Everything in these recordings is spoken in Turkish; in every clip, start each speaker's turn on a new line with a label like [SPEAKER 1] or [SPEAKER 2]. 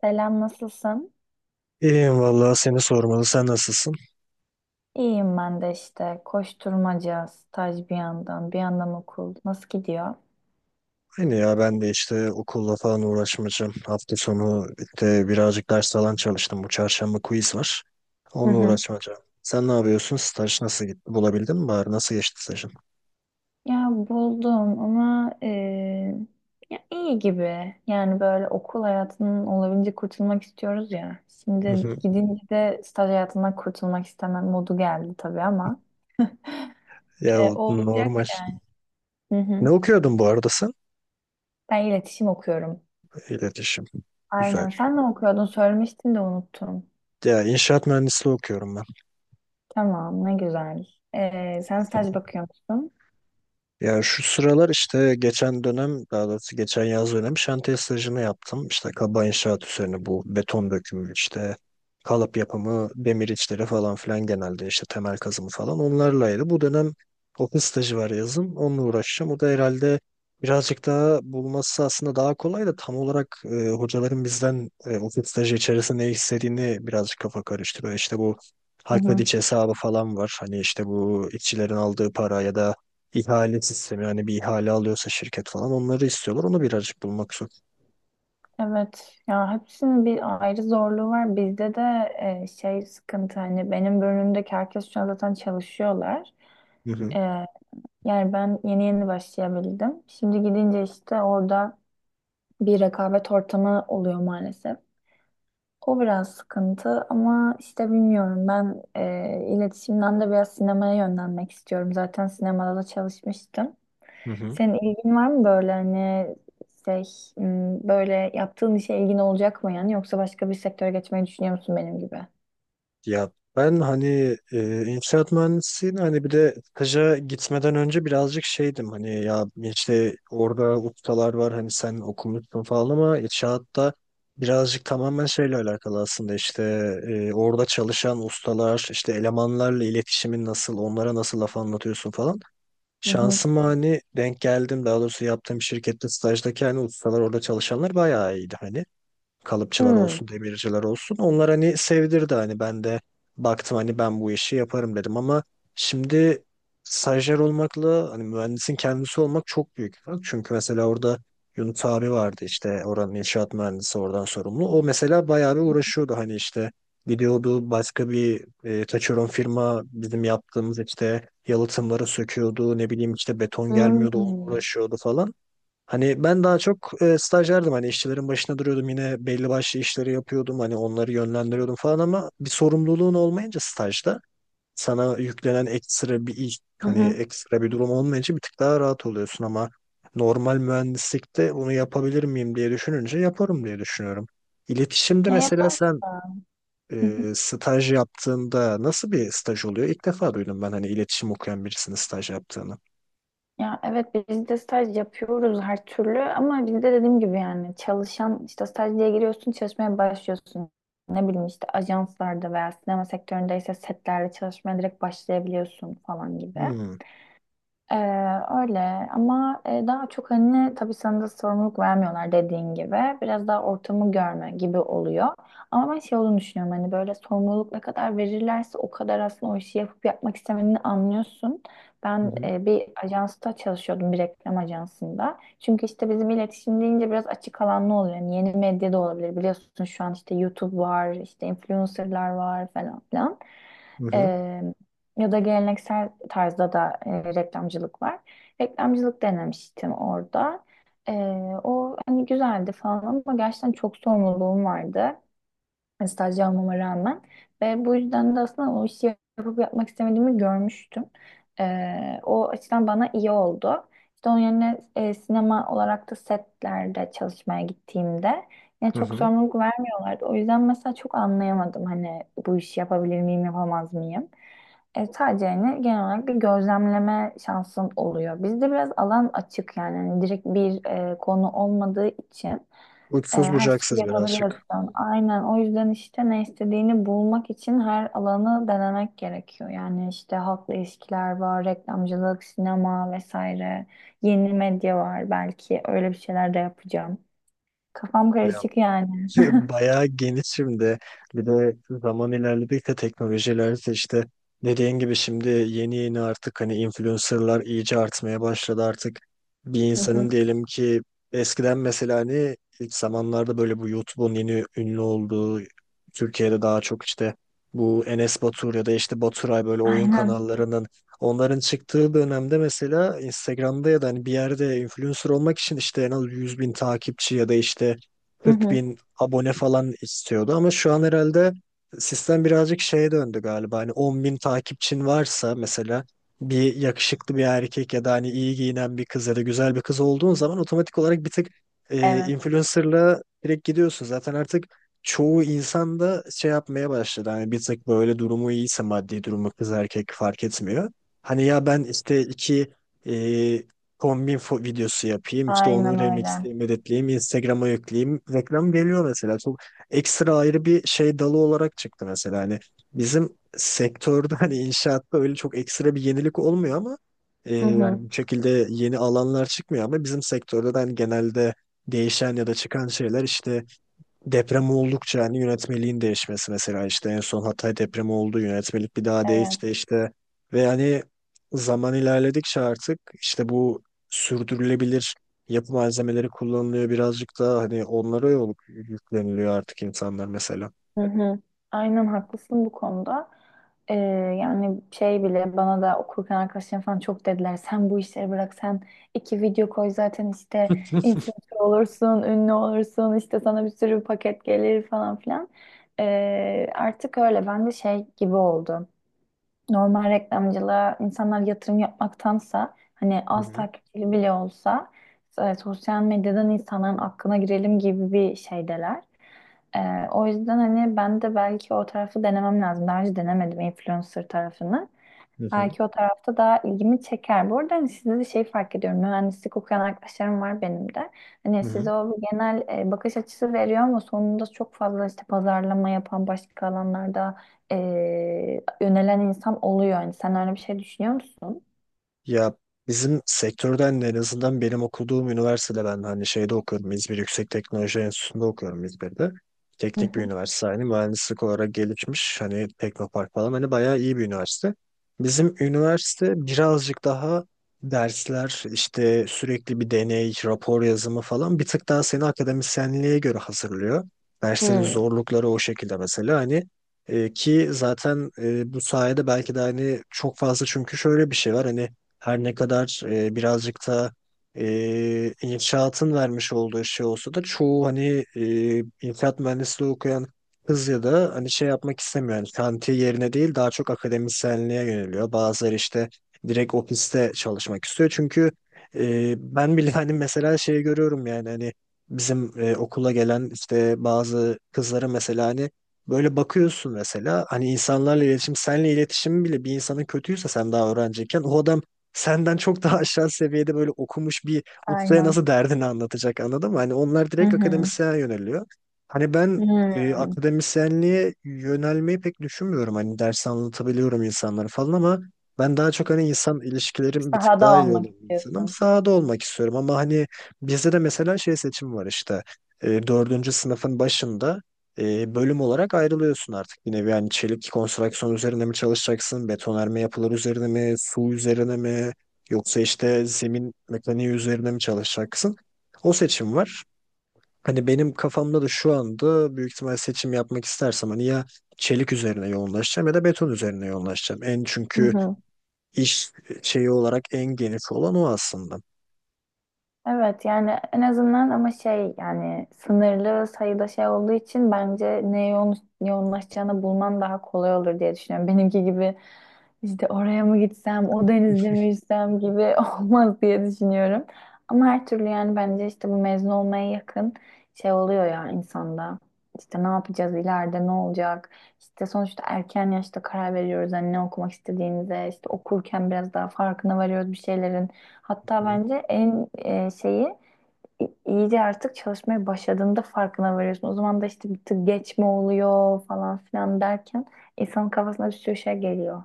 [SPEAKER 1] Selam, nasılsın?
[SPEAKER 2] İyiyim vallahi seni sormalı. Sen nasılsın?
[SPEAKER 1] İyiyim ben de işte. Koşturmaca, staj bir yandan, bir yandan okul. Nasıl gidiyor?
[SPEAKER 2] Aynı ya ben de işte okulla falan uğraşmayacağım. Hafta sonu işte birazcık ders falan çalıştım. Bu çarşamba quiz var.
[SPEAKER 1] Hı
[SPEAKER 2] Onunla
[SPEAKER 1] hı.
[SPEAKER 2] uğraşmayacağım. Sen ne yapıyorsun? Staj nasıl gitti? Bulabildin mi bari? Nasıl geçti stajın?
[SPEAKER 1] Ya buldum ama ya iyi gibi. Yani böyle okul hayatının olabildiğince kurtulmak istiyoruz ya.
[SPEAKER 2] Hı
[SPEAKER 1] Şimdi
[SPEAKER 2] hı.
[SPEAKER 1] gidince de staj hayatından kurtulmak istemem modu geldi tabii ama
[SPEAKER 2] Ya o
[SPEAKER 1] o olacak
[SPEAKER 2] normal.
[SPEAKER 1] yani. Hı hı.
[SPEAKER 2] Ne okuyordun bu arada sen?
[SPEAKER 1] Ben iletişim okuyorum.
[SPEAKER 2] İletişim. Güzel.
[SPEAKER 1] Aynen. Sen ne okuyordun? Söylemiştin de unuttum.
[SPEAKER 2] Ya inşaat mühendisliği okuyorum.
[SPEAKER 1] Tamam, ne güzel. Sen staj bakıyor musun?
[SPEAKER 2] Ya şu sıralar işte geçen dönem daha doğrusu geçen yaz dönem şantiye stajını yaptım. İşte kaba inşaat üzerine bu beton dökümü işte kalıp yapımı, demir içleri falan filan genelde işte temel kazımı falan onlarlaydı. Bu dönem ofis stajı var yazın onunla uğraşacağım. O da herhalde birazcık daha bulması aslında daha kolay da tam olarak hocaların bizden ofis stajı içerisinde ne istediğini birazcık kafa karıştırıyor. İşte bu
[SPEAKER 1] Hı
[SPEAKER 2] Halk ve
[SPEAKER 1] hı.
[SPEAKER 2] Diç hesabı falan var. Hani işte bu işçilerin aldığı para ya da İhale sistemi yani bir ihale alıyorsa şirket falan onları istiyorlar. Onu birazcık bulmak zor.
[SPEAKER 1] Evet ya hepsinin bir ayrı zorluğu var. Bizde de şey sıkıntı hani benim bölümümdeki herkes şu an zaten çalışıyorlar.
[SPEAKER 2] Hı hı.
[SPEAKER 1] E, Yani ben yeni yeni başlayabildim. Şimdi gidince işte orada bir rekabet ortamı oluyor maalesef. O biraz sıkıntı ama işte bilmiyorum ben iletişimden de biraz sinemaya yönlenmek istiyorum. Zaten sinemada da çalışmıştım.
[SPEAKER 2] Hı hı.
[SPEAKER 1] Senin ilgin var mı böyle hani şey böyle yaptığın işe ilgin olacak mı yani yoksa başka bir sektöre geçmeyi düşünüyor musun benim gibi?
[SPEAKER 2] Ya ben hani inşaat mühendisliğini hani bir de staja gitmeden önce birazcık şeydim hani ya işte orada ustalar var hani sen okumuşsun falan ama inşaatta birazcık tamamen şeyle alakalı aslında işte orada çalışan ustalar işte elemanlarla iletişimin nasıl onlara nasıl laf anlatıyorsun falan.
[SPEAKER 1] Hı hı.
[SPEAKER 2] Şansıma hani denk geldim daha doğrusu yaptığım şirkette stajdaki hani ustalar orada çalışanlar bayağı iyiydi hani kalıpçılar
[SPEAKER 1] Hmm.
[SPEAKER 2] olsun, demirciler olsun. Onlar hani sevdirdi hani ben de baktım hani ben bu işi yaparım dedim ama şimdi stajyer olmakla hani mühendisin kendisi olmak çok büyük bir fark. Çünkü mesela orada Yunus abi vardı işte oranın inşaat mühendisi oradan sorumlu. O mesela bayağı bir uğraşıyordu hani işte gidiyordu başka bir taşeron firma bizim yaptığımız işte yalıtımları söküyordu ne bileyim işte beton gelmiyordu onu
[SPEAKER 1] Hmm.
[SPEAKER 2] uğraşıyordu falan. Hani ben daha çok stajyerdim hani işçilerin başına duruyordum yine belli başlı işleri yapıyordum hani onları yönlendiriyordum falan ama bir sorumluluğun olmayınca stajda sana yüklenen ekstra bir iş
[SPEAKER 1] Hı
[SPEAKER 2] hani
[SPEAKER 1] hı.
[SPEAKER 2] ekstra bir durum olmayınca bir tık daha rahat oluyorsun ama normal mühendislikte bunu yapabilir miyim diye düşününce yaparım diye düşünüyorum. İletişimde
[SPEAKER 1] Ya
[SPEAKER 2] mesela
[SPEAKER 1] yapar.
[SPEAKER 2] sen staj yaptığında nasıl bir staj oluyor? İlk defa duydum ben hani iletişim okuyan birisinin staj yaptığını.
[SPEAKER 1] Ya evet biz de staj yapıyoruz her türlü ama biz de dediğim gibi yani çalışan işte staj diye giriyorsun çalışmaya başlıyorsun. Ne bileyim işte ajanslarda veya sinema sektöründeyse setlerde çalışmaya direkt başlayabiliyorsun falan gibi.
[SPEAKER 2] Hmm.
[SPEAKER 1] Ee, Öyle ama daha çok hani tabii sana da sorumluluk vermiyorlar dediğin gibi. Biraz daha ortamı görme gibi oluyor. Ama ben şey olduğunu düşünüyorum hani böyle sorumluluk ne kadar verirlerse o kadar aslında o işi yapıp yapmak istemediğini anlıyorsun.
[SPEAKER 2] Hı
[SPEAKER 1] Ben
[SPEAKER 2] hı.
[SPEAKER 1] bir ajansta çalışıyordum bir reklam ajansında. Çünkü işte bizim iletişim deyince biraz açık alanlı oluyor. Yani yeni medya da olabilir biliyorsun şu an işte YouTube var işte influencerlar var falan
[SPEAKER 2] Hı hı.
[SPEAKER 1] filan. Ya da geleneksel tarzda da reklamcılık var. Reklamcılık denemiştim orada. E, O hani güzeldi falan ama gerçekten çok sorumluluğum vardı stajyer olmama rağmen. Ve bu yüzden de aslında o işi yapıp yapmak istemediğimi görmüştüm. O açıdan bana iyi oldu. İşte onun yerine sinema olarak da setlerde çalışmaya gittiğimde yine
[SPEAKER 2] Hı
[SPEAKER 1] çok
[SPEAKER 2] hı.
[SPEAKER 1] sorumluluk vermiyorlardı. O yüzden mesela çok anlayamadım hani bu işi yapabilir miyim, yapamaz mıyım? Sadece yani genel olarak bir gözlemleme şansın oluyor. Bizde biraz alan açık yani hani direkt bir konu olmadığı için.
[SPEAKER 2] Uçsuz
[SPEAKER 1] Her şeyi
[SPEAKER 2] bucaksız birazcık.
[SPEAKER 1] yapabiliyorsun. Aynen. O yüzden işte ne istediğini bulmak için her alanı denemek gerekiyor. Yani işte halkla ilişkiler var, reklamcılık, sinema vesaire. Yeni medya var belki. Öyle bir şeyler de yapacağım. Kafam
[SPEAKER 2] Bir.
[SPEAKER 1] karışık yani.
[SPEAKER 2] Bayağı geniş şimdi. Bir de zaman ilerledikçe teknolojiler de işte dediğin gibi şimdi yeni yeni artık hani influencerlar iyice artmaya başladı artık. Bir
[SPEAKER 1] Hı hı.
[SPEAKER 2] insanın diyelim ki eskiden mesela hani ilk zamanlarda böyle bu YouTube'un yeni ünlü olduğu Türkiye'de daha çok işte bu Enes Batur ya da işte Baturay böyle oyun
[SPEAKER 1] Aynen.
[SPEAKER 2] kanallarının onların çıktığı dönemde mesela Instagram'da ya da hani bir yerde influencer olmak için işte en az 100 bin takipçi ya da işte
[SPEAKER 1] Hı
[SPEAKER 2] 40
[SPEAKER 1] hı.
[SPEAKER 2] bin abone falan istiyordu ama şu an herhalde sistem birazcık şeye döndü galiba. Hani 10 bin takipçin varsa mesela bir yakışıklı bir erkek ya da hani iyi giyinen bir kız ya da güzel bir kız olduğun zaman otomatik olarak bir tık
[SPEAKER 1] Evet.
[SPEAKER 2] influencer'la direkt gidiyorsun. Zaten artık çoğu insan da şey yapmaya başladı. Hani bir tık böyle durumu iyiyse maddi durumu kız erkek fark etmiyor. Hani ya ben işte iki e, kombin videosu yapayım. İşte onu
[SPEAKER 1] Aynen öyle.
[SPEAKER 2] remixleyeyim, editleyeyim, Instagram'a yükleyeyim. Reklam geliyor mesela. Çok ekstra ayrı bir şey dalı olarak çıktı mesela. Hani bizim sektörde hani inşaatta öyle çok ekstra bir yenilik olmuyor ama
[SPEAKER 1] Hı
[SPEAKER 2] yani
[SPEAKER 1] hı.
[SPEAKER 2] bu şekilde yeni alanlar çıkmıyor ama bizim sektörde de hani genelde değişen ya da çıkan şeyler işte deprem oldukça hani yönetmeliğin değişmesi mesela işte en son Hatay depremi oldu yönetmelik bir daha
[SPEAKER 1] Evet.
[SPEAKER 2] değişti işte ve hani zaman ilerledikçe artık işte bu sürdürülebilir yapı malzemeleri kullanılıyor birazcık da hani onlara yol yükleniliyor artık insanlar mesela.
[SPEAKER 1] Hı hı. Aynen haklısın bu konuda. Ee, Yani şey bile bana da okurken arkadaşlarım falan çok dediler. Sen bu işleri bırak, sen iki video koy zaten işte
[SPEAKER 2] Hı
[SPEAKER 1] influencer olursun, ünlü olursun işte sana bir sürü paket gelir falan filan. Artık öyle ben de şey gibi oldu, normal reklamcılığa insanlar yatırım yapmaktansa hani az
[SPEAKER 2] hı.
[SPEAKER 1] takipçili bile olsa sosyal medyadan insanların aklına girelim gibi bir şeydeler. E, O yüzden hani ben de belki o tarafı denemem lazım. Daha önce denemedim influencer tarafını.
[SPEAKER 2] Hı hı.
[SPEAKER 1] Belki o tarafta daha ilgimi çeker. Bu arada hani sizde de şey fark ediyorum. Mühendislik okuyan arkadaşlarım var benim de. Hani
[SPEAKER 2] Hı
[SPEAKER 1] size
[SPEAKER 2] hı.
[SPEAKER 1] o bir genel bakış açısı veriyor ama sonunda çok fazla işte pazarlama yapan başka alanlarda e, yönelen insan oluyor. Yani sen öyle bir şey düşünüyor musun?
[SPEAKER 2] Ya bizim sektörden de en azından benim okuduğum üniversitede ben hani şeyde okuyorum. İzmir Yüksek Teknoloji Enstitüsü'nde okuyorum İzmir'de.
[SPEAKER 1] Hı
[SPEAKER 2] Teknik bir
[SPEAKER 1] hı.
[SPEAKER 2] üniversite hani mühendislik olarak gelişmiş hani Teknopark falan hani bayağı iyi bir üniversite. Bizim üniversite birazcık daha dersler işte sürekli bir deney, rapor yazımı falan bir tık daha seni akademisyenliğe göre hazırlıyor. Derslerin
[SPEAKER 1] Hı.
[SPEAKER 2] zorlukları o şekilde mesela hani ki zaten bu sayede belki de hani çok fazla çünkü şöyle bir şey var hani her ne kadar birazcık da inşaatın vermiş olduğu şey olsa da çoğu hani inşaat mühendisliği okuyan kız ya da hani şey yapmak istemiyor. Yani kanti yerine değil daha çok akademisyenliğe yöneliyor. Bazıları işte direkt ofiste çalışmak istiyor. Çünkü ben bile hani mesela şey görüyorum yani hani bizim okula gelen işte bazı kızlara mesela hani böyle bakıyorsun mesela hani insanlarla iletişim, senle iletişim bile bir insanın kötüyse sen daha öğrenciyken o adam senden çok daha aşağı seviyede böyle okumuş bir ustaya
[SPEAKER 1] Aynen.
[SPEAKER 2] nasıl derdini anlatacak anladın mı? Hani onlar
[SPEAKER 1] Hı
[SPEAKER 2] direkt
[SPEAKER 1] hı.
[SPEAKER 2] akademisyen yöneliyor. Hani ben
[SPEAKER 1] Hı.
[SPEAKER 2] akademisyenliğe yönelmeyi pek düşünmüyorum. Hani ders anlatabiliyorum insanlara falan ama ben daha çok hani insan ilişkilerim bir tık
[SPEAKER 1] Sahada
[SPEAKER 2] daha iyi olan
[SPEAKER 1] olmak
[SPEAKER 2] bir insanım.
[SPEAKER 1] istiyorsun.
[SPEAKER 2] Sahada olmak istiyorum ama hani bizde de mesela şey seçim var işte. Dördüncü sınıfın başında bölüm olarak ayrılıyorsun artık bir nevi. Yani çelik konstrüksiyon üzerine mi çalışacaksın, betonarme yapılar üzerine mi, su üzerine mi, yoksa işte zemin mekaniği üzerine mi çalışacaksın? O seçim var. Hani benim kafamda da şu anda büyük ihtimal seçim yapmak istersem hani ya çelik üzerine yoğunlaşacağım ya da beton üzerine yoğunlaşacağım. En
[SPEAKER 1] Hı
[SPEAKER 2] çünkü
[SPEAKER 1] hı.
[SPEAKER 2] iş şeyi olarak en geniş olan o aslında.
[SPEAKER 1] Evet yani en azından ama şey yani sınırlı sayıda şey olduğu için bence neye yoğunlaşacağını bulman daha kolay olur diye düşünüyorum. Benimki gibi işte oraya mı gitsem, o denizde mi yüzsem gibi olmaz diye düşünüyorum. Ama her türlü yani bence işte bu mezun olmaya yakın şey oluyor ya insanda. İşte ne yapacağız ileride ne olacak? İşte sonuçta erken yaşta karar veriyoruz hani ne okumak istediğimize, işte okurken biraz daha farkına varıyoruz bir şeylerin. Hatta bence en şeyi iyice artık çalışmaya başladığında farkına varıyorsun. O zaman da işte bir tık geç mi oluyor falan filan derken insanın kafasına bir sürü şey geliyor.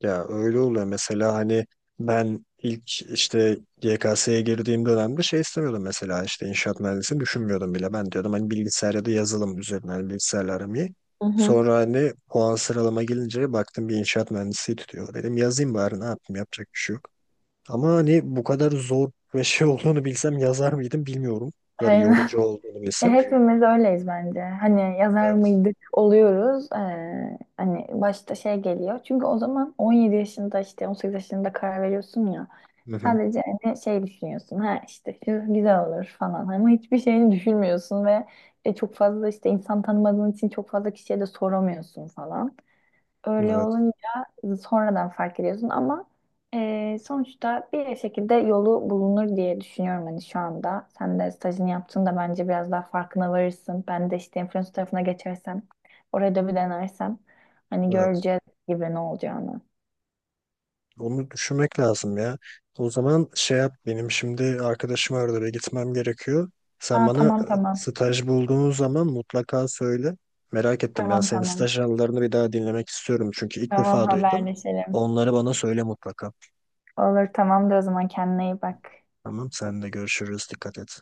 [SPEAKER 2] Ya öyle oluyor mesela hani ben ilk işte YKS'ye girdiğim dönemde şey istemiyordum mesela işte inşaat mühendisini düşünmüyordum bile. Ben diyordum hani bilgisayar ya da yazılım üzerine hani bilgisayarla aram iyi.
[SPEAKER 1] Hı hı.
[SPEAKER 2] Sonra hani puan sıralama gelince baktım bir inşaat mühendisi tutuyor. Dedim yazayım bari ne yapayım yapacak bir şey yok. Ama hani bu kadar zor ve şey olduğunu bilsem yazar mıydım bilmiyorum. Bu kadar
[SPEAKER 1] Aynen.
[SPEAKER 2] yorucu olduğunu bilsem.
[SPEAKER 1] Hepimiz öyleyiz bence. Hani yazar
[SPEAKER 2] Evet.
[SPEAKER 1] mıydık oluyoruz. Hani başta şey geliyor. Çünkü o zaman 17 yaşında işte 18 yaşında karar veriyorsun ya.
[SPEAKER 2] Hı hı.
[SPEAKER 1] Sadece hani şey düşünüyorsun ha işte şu güzel olur falan ama hiçbir şeyini düşünmüyorsun ve çok fazla işte insan tanımadığın için çok fazla kişiye de soramıyorsun falan. Öyle
[SPEAKER 2] Evet.
[SPEAKER 1] olunca sonradan fark ediyorsun ama sonuçta bir şekilde yolu bulunur diye düşünüyorum hani şu anda. Sen de stajını yaptığında bence biraz daha farkına varırsın. Ben de işte influencer tarafına geçersem oraya da bir denersem hani
[SPEAKER 2] Evet.
[SPEAKER 1] göreceğiz gibi ne olacağını.
[SPEAKER 2] Onu düşünmek lazım ya. O zaman şey yap benim şimdi arkadaşım arada ve gitmem gerekiyor. Sen
[SPEAKER 1] Aa,
[SPEAKER 2] bana
[SPEAKER 1] tamam tamam
[SPEAKER 2] staj bulduğun zaman mutlaka söyle. Merak ettim ben
[SPEAKER 1] tamam
[SPEAKER 2] senin
[SPEAKER 1] tamam.
[SPEAKER 2] staj anılarını bir daha dinlemek istiyorum çünkü ilk
[SPEAKER 1] Tamam,
[SPEAKER 2] defa duydum.
[SPEAKER 1] haberleşelim.
[SPEAKER 2] Onları bana söyle mutlaka.
[SPEAKER 1] Olur, tamamdır. O zaman kendine iyi bak.
[SPEAKER 2] Tamam sen de görüşürüz dikkat et.